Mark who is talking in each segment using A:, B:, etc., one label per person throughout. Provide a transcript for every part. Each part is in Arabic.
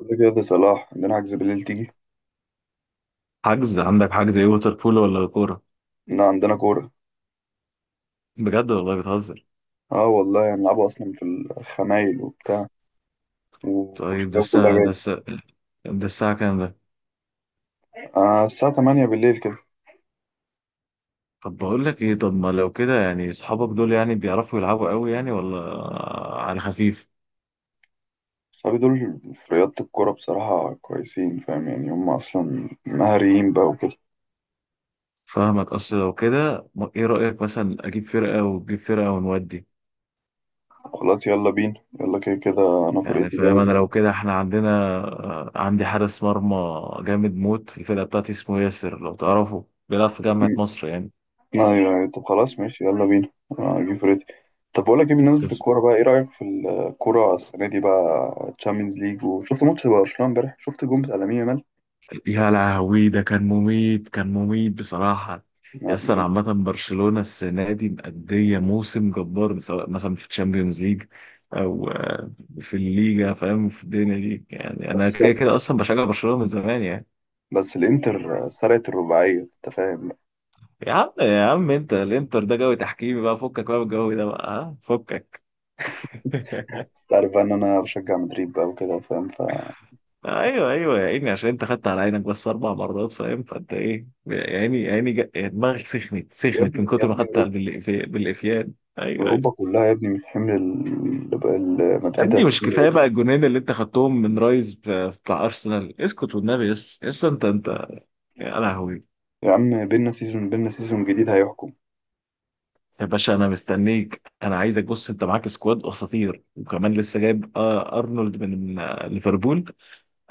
A: كل كده صلاح عندنا عجز بالليل تيجي.
B: حجز عندك، حجز ايه؟ ووتر بولو ولا كورة؟
A: إن عندنا كورة.
B: بجد والله بتهزر.
A: اه والله هنلعبوا أصلا في الخمايل وبتاع
B: طيب ده
A: والشباب كلها
B: الساعة ده
A: جاية.
B: الساعة ده الساعة كام ده؟
A: آه، الساعة 8 بالليل كده.
B: طب بقول لك ايه، طب ما لو كده يعني اصحابك دول يعني بيعرفوا يلعبوا قوي يعني ولا على خفيف؟
A: صحابي دول في رياضة الكورة بصراحة كويسين، فاهم؟ يعني هم أصلا مهاريين بقى وكده.
B: فاهمك، اصل لو كده ايه رأيك مثلا اجيب فرقة وتجيب فرقة ونودي؟
A: خلاص يلا بينا. يلا كده كده أنا
B: يعني
A: فرقتي
B: فاهم، انا
A: جاهزة.
B: لو كده احنا عندنا عندي حارس مرمى جامد موت في الفرقة بتاعتي اسمه ياسر، لو تعرفه بيلعب في جامعة
A: م-
B: مصر يعني.
A: أيوه أيوه، طب خلاص ماشي يلا بينا. أنا هجيب فرقتي. طب بقول لك إيه، بالنسبة للكورة بقى إيه رأيك في الكورة السنة دي بقى؟ تشامبيونز ليج، وشفت ماتش برشلونة إمبارح، شفت الجون بتاع لامين
B: يا لهوي، ده كان مميت، كان مميت بصراحة. يس، أنا
A: يامال.
B: عامة برشلونة السنة دي مأدية موسم جبار، سواء مثلا في الشامبيونز ليج أو في الليجا، فاهم؟ في الدنيا دي يعني، أنا
A: بس
B: كده كده أصلا بشجع برشلونة من زمان يعني.
A: بس الانتر سرقت الرباعية، انت فاهم.
B: يا عم يا عم، أنت الإنتر ده جو تحكيمي بقى، فكك بقى من الجو ده بقى، ها فكك.
A: انت عارف بقى ان انا بشجع مدريد بقى وكده، فاهم؟ ف
B: أيوه أيوه، يا عيني، عشان أنت خدت على عينك بس أربع مرات، فاهم؟ فأنت إيه يا عيني يا عيني، دماغك سخنت
A: يا
B: سخنت
A: ابني
B: من
A: يا
B: كتر ما
A: ابني
B: خدت
A: اوروبا.
B: بالإفيان. أيوه أيوه.
A: أوروبا كلها يا ابني، من حمل
B: يا
A: مدريد
B: ابني مش
A: هتحمل يا
B: كفايه
A: ابني.
B: بقى الجونين اللي انت خدتهم من رايز بتاع ارسنال؟ اسكت والنبي، يس يس، انت انت، يا لهوي.
A: يا عم بينا سيزون جديد هيحكم.
B: يا باشا انا مستنيك، انا عايزك، بص انت معاك سكواد اساطير، وكمان لسه جايب ارنولد من ليفربول،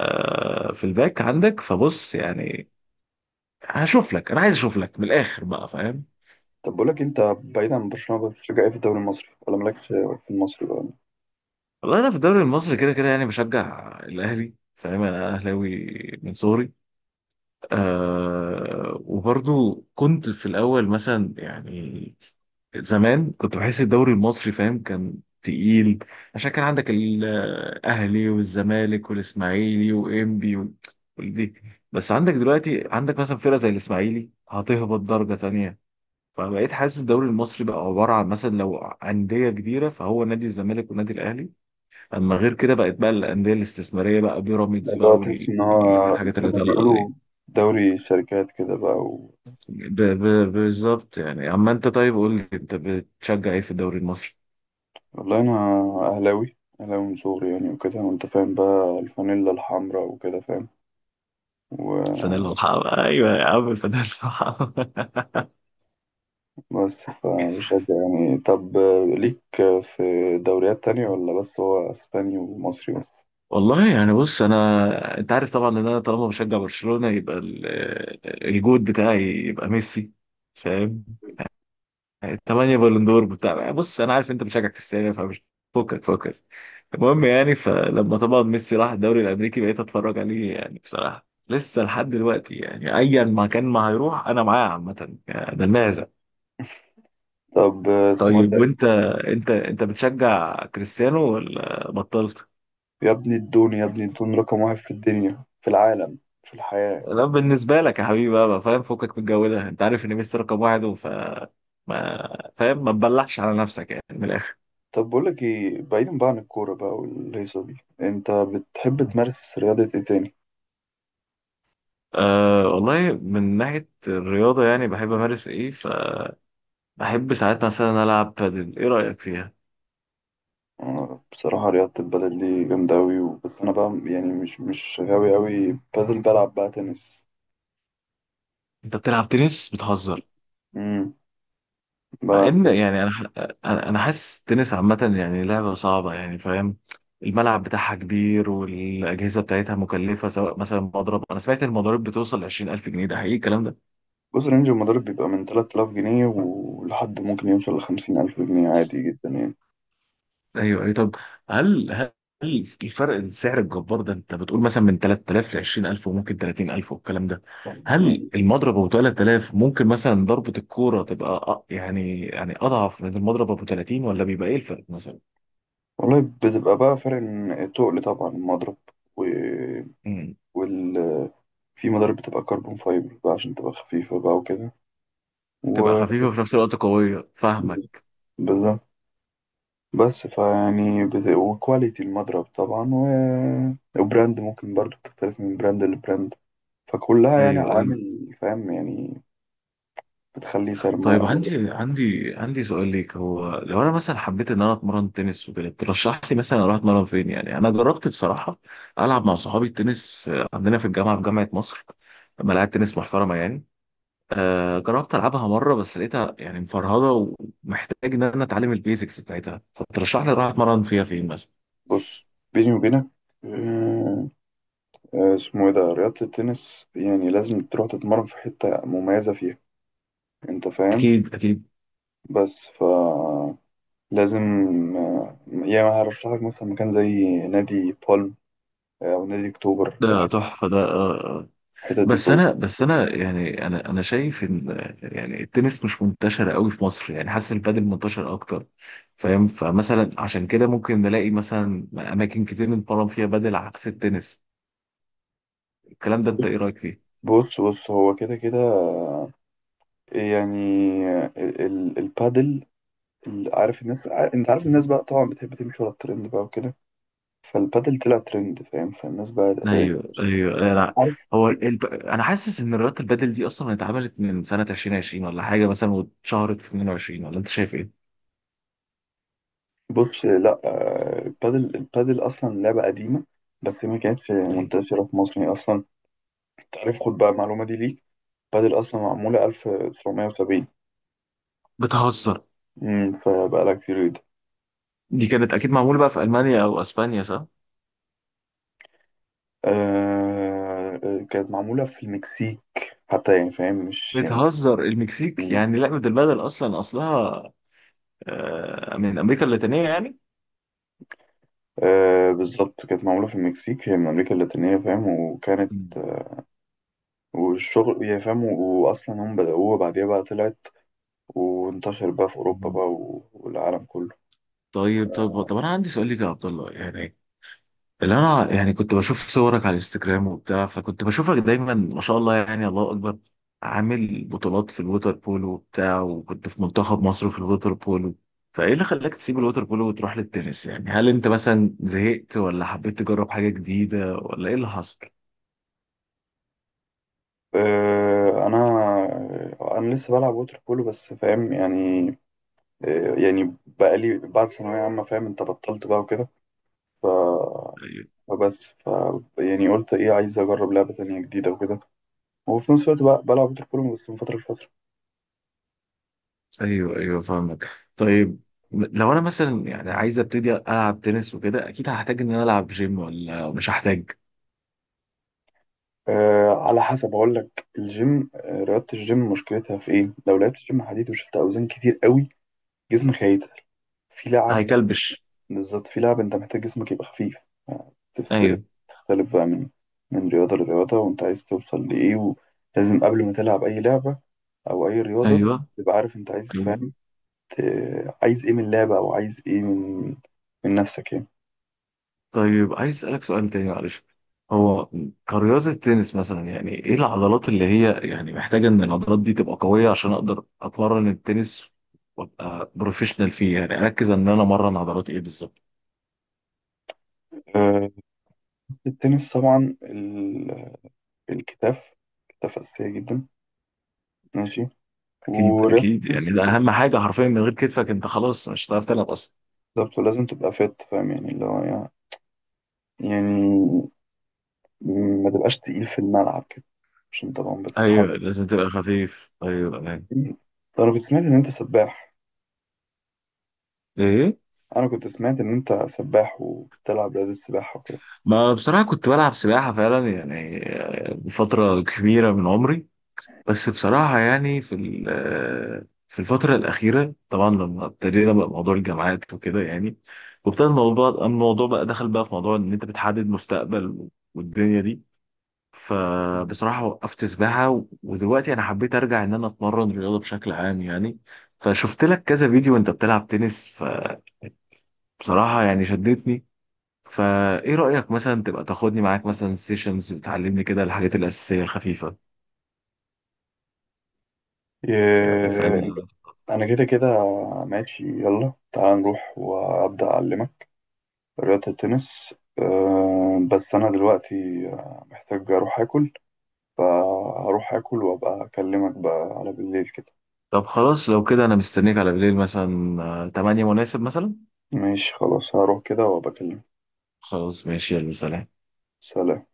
B: في الباك عندك، فبص يعني هشوف لك، انا عايز اشوف لك من الاخر بقى فاهم.
A: طب بقول لك، انت بعيد عن برشلونة بتشجع ايه في الدوري المصري، ولا مالكش في المصري بقى؟
B: والله انا في الدوري المصري كده كده يعني بشجع الاهلي، فاهم؟ انا اهلاوي من صغري. آه وبرضو كنت في الأول مثلا يعني، زمان كنت بحس الدوري المصري فاهم كان تقيل، عشان كان عندك الأهلي والزمالك والإسماعيلي وإنبي والدي. بس عندك دلوقتي، عندك مثلا فرقة زي الإسماعيلي هتهبط درجة تانية. فبقيت حاسس الدوري المصري بقى عبارة عن مثلا لو أندية كبيرة فهو نادي الزمالك والنادي الأهلي، أما غير كده بقت بقى الأندية الاستثمارية بقى
A: يعني
B: بيراميدز
A: اللي هو
B: بقى
A: تحس ان هو
B: والحاجات
A: زي
B: اللي
A: ما
B: طالعة
A: بيقولوا
B: دي.
A: دوري شركات كده بقى و...
B: بالظبط يعني. اما انت طيب، قول لي انت بتشجع ايه في الدوري المصري؟
A: والله انا اهلاوي اهلاوي من صغري يعني، وكده وانت فاهم بقى الفانيلا الحمراء وكده.
B: الفانيلا
A: فاهم؟
B: الحمراء، ايوه يا عم الفانيلا الحمراء.
A: بس فبشجع يعني. طب ليك في دوريات تانية ولا بس هو اسباني ومصري بس؟
B: والله يعني بص، انا انت عارف طبعا ان انا طالما بشجع برشلونة يبقى الجود بتاعي يبقى ميسي، فاهم؟ الثمانية بالندور بتاع. بص انا عارف انت بتشجع كريستيانو، فمش، فكك فكك. المهم يعني، فلما طبعا ميسي راح الدوري الامريكي بقيت اتفرج عليه يعني بصراحة لسه لحد دلوقتي يعني، ايا ما كان ما هيروح انا معاه عامة يعني، ده المعزة.
A: طب اسمه إيه
B: طيب
A: ده؟
B: وانت، انت بتشجع كريستيانو ولا بطلت؟
A: يا ابني الدون، يا ابني الدون رقم واحد في الدنيا، في العالم، في الحياة.
B: لا بالنسبة لك يا حبيبي بقى بقى فاهم، فكك من الجو ده، انت عارف ان ميسي رقم واحد وف، ما فاهم، ما تبلعش على نفسك يعني من الاخر.
A: طب بقول لك ايه، بعيدا بقى عن الكورة بقى والهيصة دي، انت بتحب تمارس رياضة ايه تاني؟
B: أه والله من ناحية الرياضة يعني بحب أمارس إيه، فبحب ساعات مثلا ألعب بادل. إيه رأيك فيها؟
A: بصراحة رياضة البدل دي جامدة أوي، بس أنا بقى يعني مش غاوي أوي بدل، بلعب بقى تنس.
B: أنت بتلعب تنس؟ بتهزر.
A: مم.
B: مع
A: بلعب
B: إن
A: تنس.
B: يعني أنا حاسس التنس عامة يعني لعبة صعبة يعني فاهم. الملعب بتاعها كبير والأجهزة بتاعتها مكلفة، سواء مثلا مضرب، أنا سمعت إن المضارب بتوصل 20000 جنيه، ده حقيقي الكلام ده؟
A: بص، رينج المضارب بيبقى من 3000 جنيه ولحد ممكن يوصل لخمسين ألف جنيه، عادي جدا يعني.
B: ايوه اي طب، هل الفرق السعر الجبار ده، انت بتقول مثلا من 3000 ل 20000 وممكن 30000 والكلام ده، هل
A: مم.
B: المضرب ابو 3000 ممكن مثلا ضربة الكوره تبقى يعني اضعف من المضرب ابو 30 ولا بيبقى ايه الفرق مثلا؟
A: والله بتبقى بقى فرق، إن التقل طبعا المضرب و...
B: امم،
A: وال... في مضارب بتبقى كربون فايبر بقى عشان تبقى خفيفة بقى وكده
B: تبقى
A: و
B: خفيفة وفي نفس الوقت قوية، فاهمك.
A: بالظبط. بس فيعني بت... وكواليتي المضرب طبعا و... وبراند ممكن برضو بتختلف من براند لبراند. فكلها يعني
B: ايوه ايوه.
A: عوامل، فاهم يعني؟ بتخلي سعر
B: طيب
A: المضرب.
B: عندي سؤال ليك، هو لو انا مثلا حبيت ان انا اتمرن تنس وكده، ترشح لي مثلا اروح اتمرن فين؟ يعني انا جربت بصراحه العب مع صحابي التنس في عندنا في الجامعه، في جامعه مصر ملاعب تنس محترمه يعني. آه جربت العبها مره بس لقيتها يعني مفرهده، ومحتاج ان انا اتعلم البيزكس بتاعتها، فترشح لي اروح اتمرن فيها فين مثلا؟
A: بص بيني وبينك، آه، اسمه ايه ده، رياضة التنس يعني لازم تروح تتمرن في حتة مميزة فيها، انت فاهم.
B: اكيد اكيد،
A: بس ف لازم يعني هرشح لك مثلا مكان زي نادي بالم، او نادي اكتوبر.
B: ده تحفه ده
A: الحتت دي
B: بس انا
A: كويس.
B: انا شايف ان يعني التنس مش منتشر قوي في مصر يعني، حاسس البادل منتشر اكتر فاهم، فمثلا عشان كده ممكن نلاقي مثلا اماكن كتير بنتمرن فيها بادل عكس التنس. الكلام ده انت ايه رايك فيه؟
A: بص هو كده كده يعني، البادل. عارف الناس، انت عارف الناس
B: مهم.
A: بقى طبعا بتحب تمشي ورا الترند بقى وكده. فالبادل طلع ترند، فاهم، فالناس بقى بدأت.
B: ايوه ايوه. انا
A: عارف في؟
B: انا حاسس ان رياضه البادل دي اصلا اتعملت من سنه 2020 ولا حاجه مثلا، واتشهرت في 22 ولا انت شايف ايه؟
A: بص لا، البادل اصلا لعبه قديمه، بس ما كانتش
B: أيوة.
A: منتشره في مصر هي اصلا. تعرف، خد بقى المعلومه دي ليك، البادل اصلا معموله 1970.
B: بتهزر،
A: فبقى لها كتير جدا.
B: دي كانت اكيد معموله بقى في المانيا او اسبانيا.
A: آه، كانت معموله في المكسيك حتى، يعني فاهم مش يعني.
B: بتهزر، المكسيك
A: مم.
B: يعني؟ لعبة البدل أصلا أصلها من أمريكا اللاتينية يعني.
A: آه، بالظبط كانت معموله في المكسيك، هي من امريكا اللاتينيه فاهم، وكانت والشغل يعني فاهم، واصلا هم بدأوها، بعديها بقى طلعت وانتشر بقى في اوروبا
B: مم.
A: بقى والعالم كله.
B: طيب طب طب، أنا عندي سؤال ليك يا عبد الله يعني، اللي أنا يعني كنت بشوف صورك على الانستجرام وبتاع، فكنت بشوفك دايما ما شاء الله يعني الله أكبر عامل بطولات في الووتر بولو وبتاع، وكنت في منتخب مصر في الووتر بولو، فإيه اللي خلاك تسيب الووتر بولو وتروح للتنس يعني؟ هل أنت مثلا زهقت ولا حبيت تجرب حاجة جديدة ولا إيه اللي حصل؟
A: انا انا لسه بلعب ووتر بولو بس، فاهم يعني. يعني بقالي بعد ثانويه عامه فاهم انت، بطلت بقى وكده. ف فبس ف يعني قلت ايه، عايز اجرب لعبه تانية جديده وكده، وفي نفس الوقت بقى بلعب ووتر بولو بس من فتره لفتره.
B: ايوه ايوه فاهمك. طيب، لو انا مثلا يعني عايز ابتدي العب تنس وكده، اكيد هحتاج ان انا العب جيم ولا مش هحتاج؟
A: أه على حسب، اقول لك الجيم، رياضه الجيم مشكلتها في ايه، لو لعبت جيم حديد وشلت اوزان كتير قوي جسمك هيتقل في لعب.
B: هيكلبش.
A: بالظبط، في لعب انت محتاج جسمك يبقى خفيف.
B: ايوه
A: تختلف بقى من رياضة لرياضة، وانت عايز توصل لإيه. ولازم قبل ما تلعب أي لعبة أو أي رياضة
B: ايوه
A: تبقى عارف انت عايز،
B: ايوه.
A: فاهم؟ عايز ايه من اللعبة، أو عايز ايه من نفسك يعني.
B: طيب عايز اسالك سؤال تاني معلش، هو كرياضة التنس مثلا يعني، ايه العضلات اللي هي يعني محتاجة ان العضلات دي تبقى قوية عشان اقدر اتمرن التنس وابقى بروفيشنال فيه يعني، اركز ان انا امرن عضلات ايه بالظبط؟
A: آه، التنس طبعا الكتاف. كتاف أساسية جدا. ماشي.
B: اكيد
A: ورياضة
B: اكيد،
A: التنس
B: يعني ده اهم حاجة حرفيا، من غير كتفك انت خلاص مش هتعرف تلعب اصلا.
A: بالظبط، ولازم تبقى فات فاهم يعني، اللي هو يعني يعني ما تبقاش تقيل في الملعب كده عشان طبعا
B: ايوه
A: بتتحرك.
B: لازم تبقى خفيف، ايوه ايوه.
A: ده أنا كنت سمعت إن أنت سباح.
B: ايه؟
A: انا كنت سمعت ان انت سباح وبتلعب رياضة السباحة وكده.
B: ما بصراحه كنت بلعب سباحه فعلا يعني فتره كبيره من عمري، بس بصراحه يعني في في الفتره الاخيره طبعا لما ابتدينا بقى موضوع الجامعات وكده يعني، وابتدى الموضوع بقى دخل بقى في موضوع ان انت بتحدد مستقبل والدنيا دي،
A: مم.
B: فبصراحه وقفت سباحه ودلوقتي انا حبيت ارجع ان انا اتمرن رياضه بشكل عام يعني. فشفت لك كذا فيديو وانت بتلعب تنس، ف بصراحة يعني شدتني، فايه رأيك مثلا تبقى تاخدني معاك مثلا سيشنز بتعلمني كده الحاجات الأساسية الخفيفة يعني
A: إيه انت.
B: فاهم؟
A: انا كده كده ماشي، يلا تعال نروح وابدا اعلمك رياضة التنس. بس انا دلوقتي محتاج اروح اكل. فهروح اكل وابقى اكلمك بقى على بالليل كده.
B: طب خلاص، لو كده انا مستنيك على بالليل مثلا 8 مناسب مثلا؟
A: ماشي خلاص، هروح كده وابقى اكلمك.
B: خلاص ماشي، يلا سلام.
A: سلام.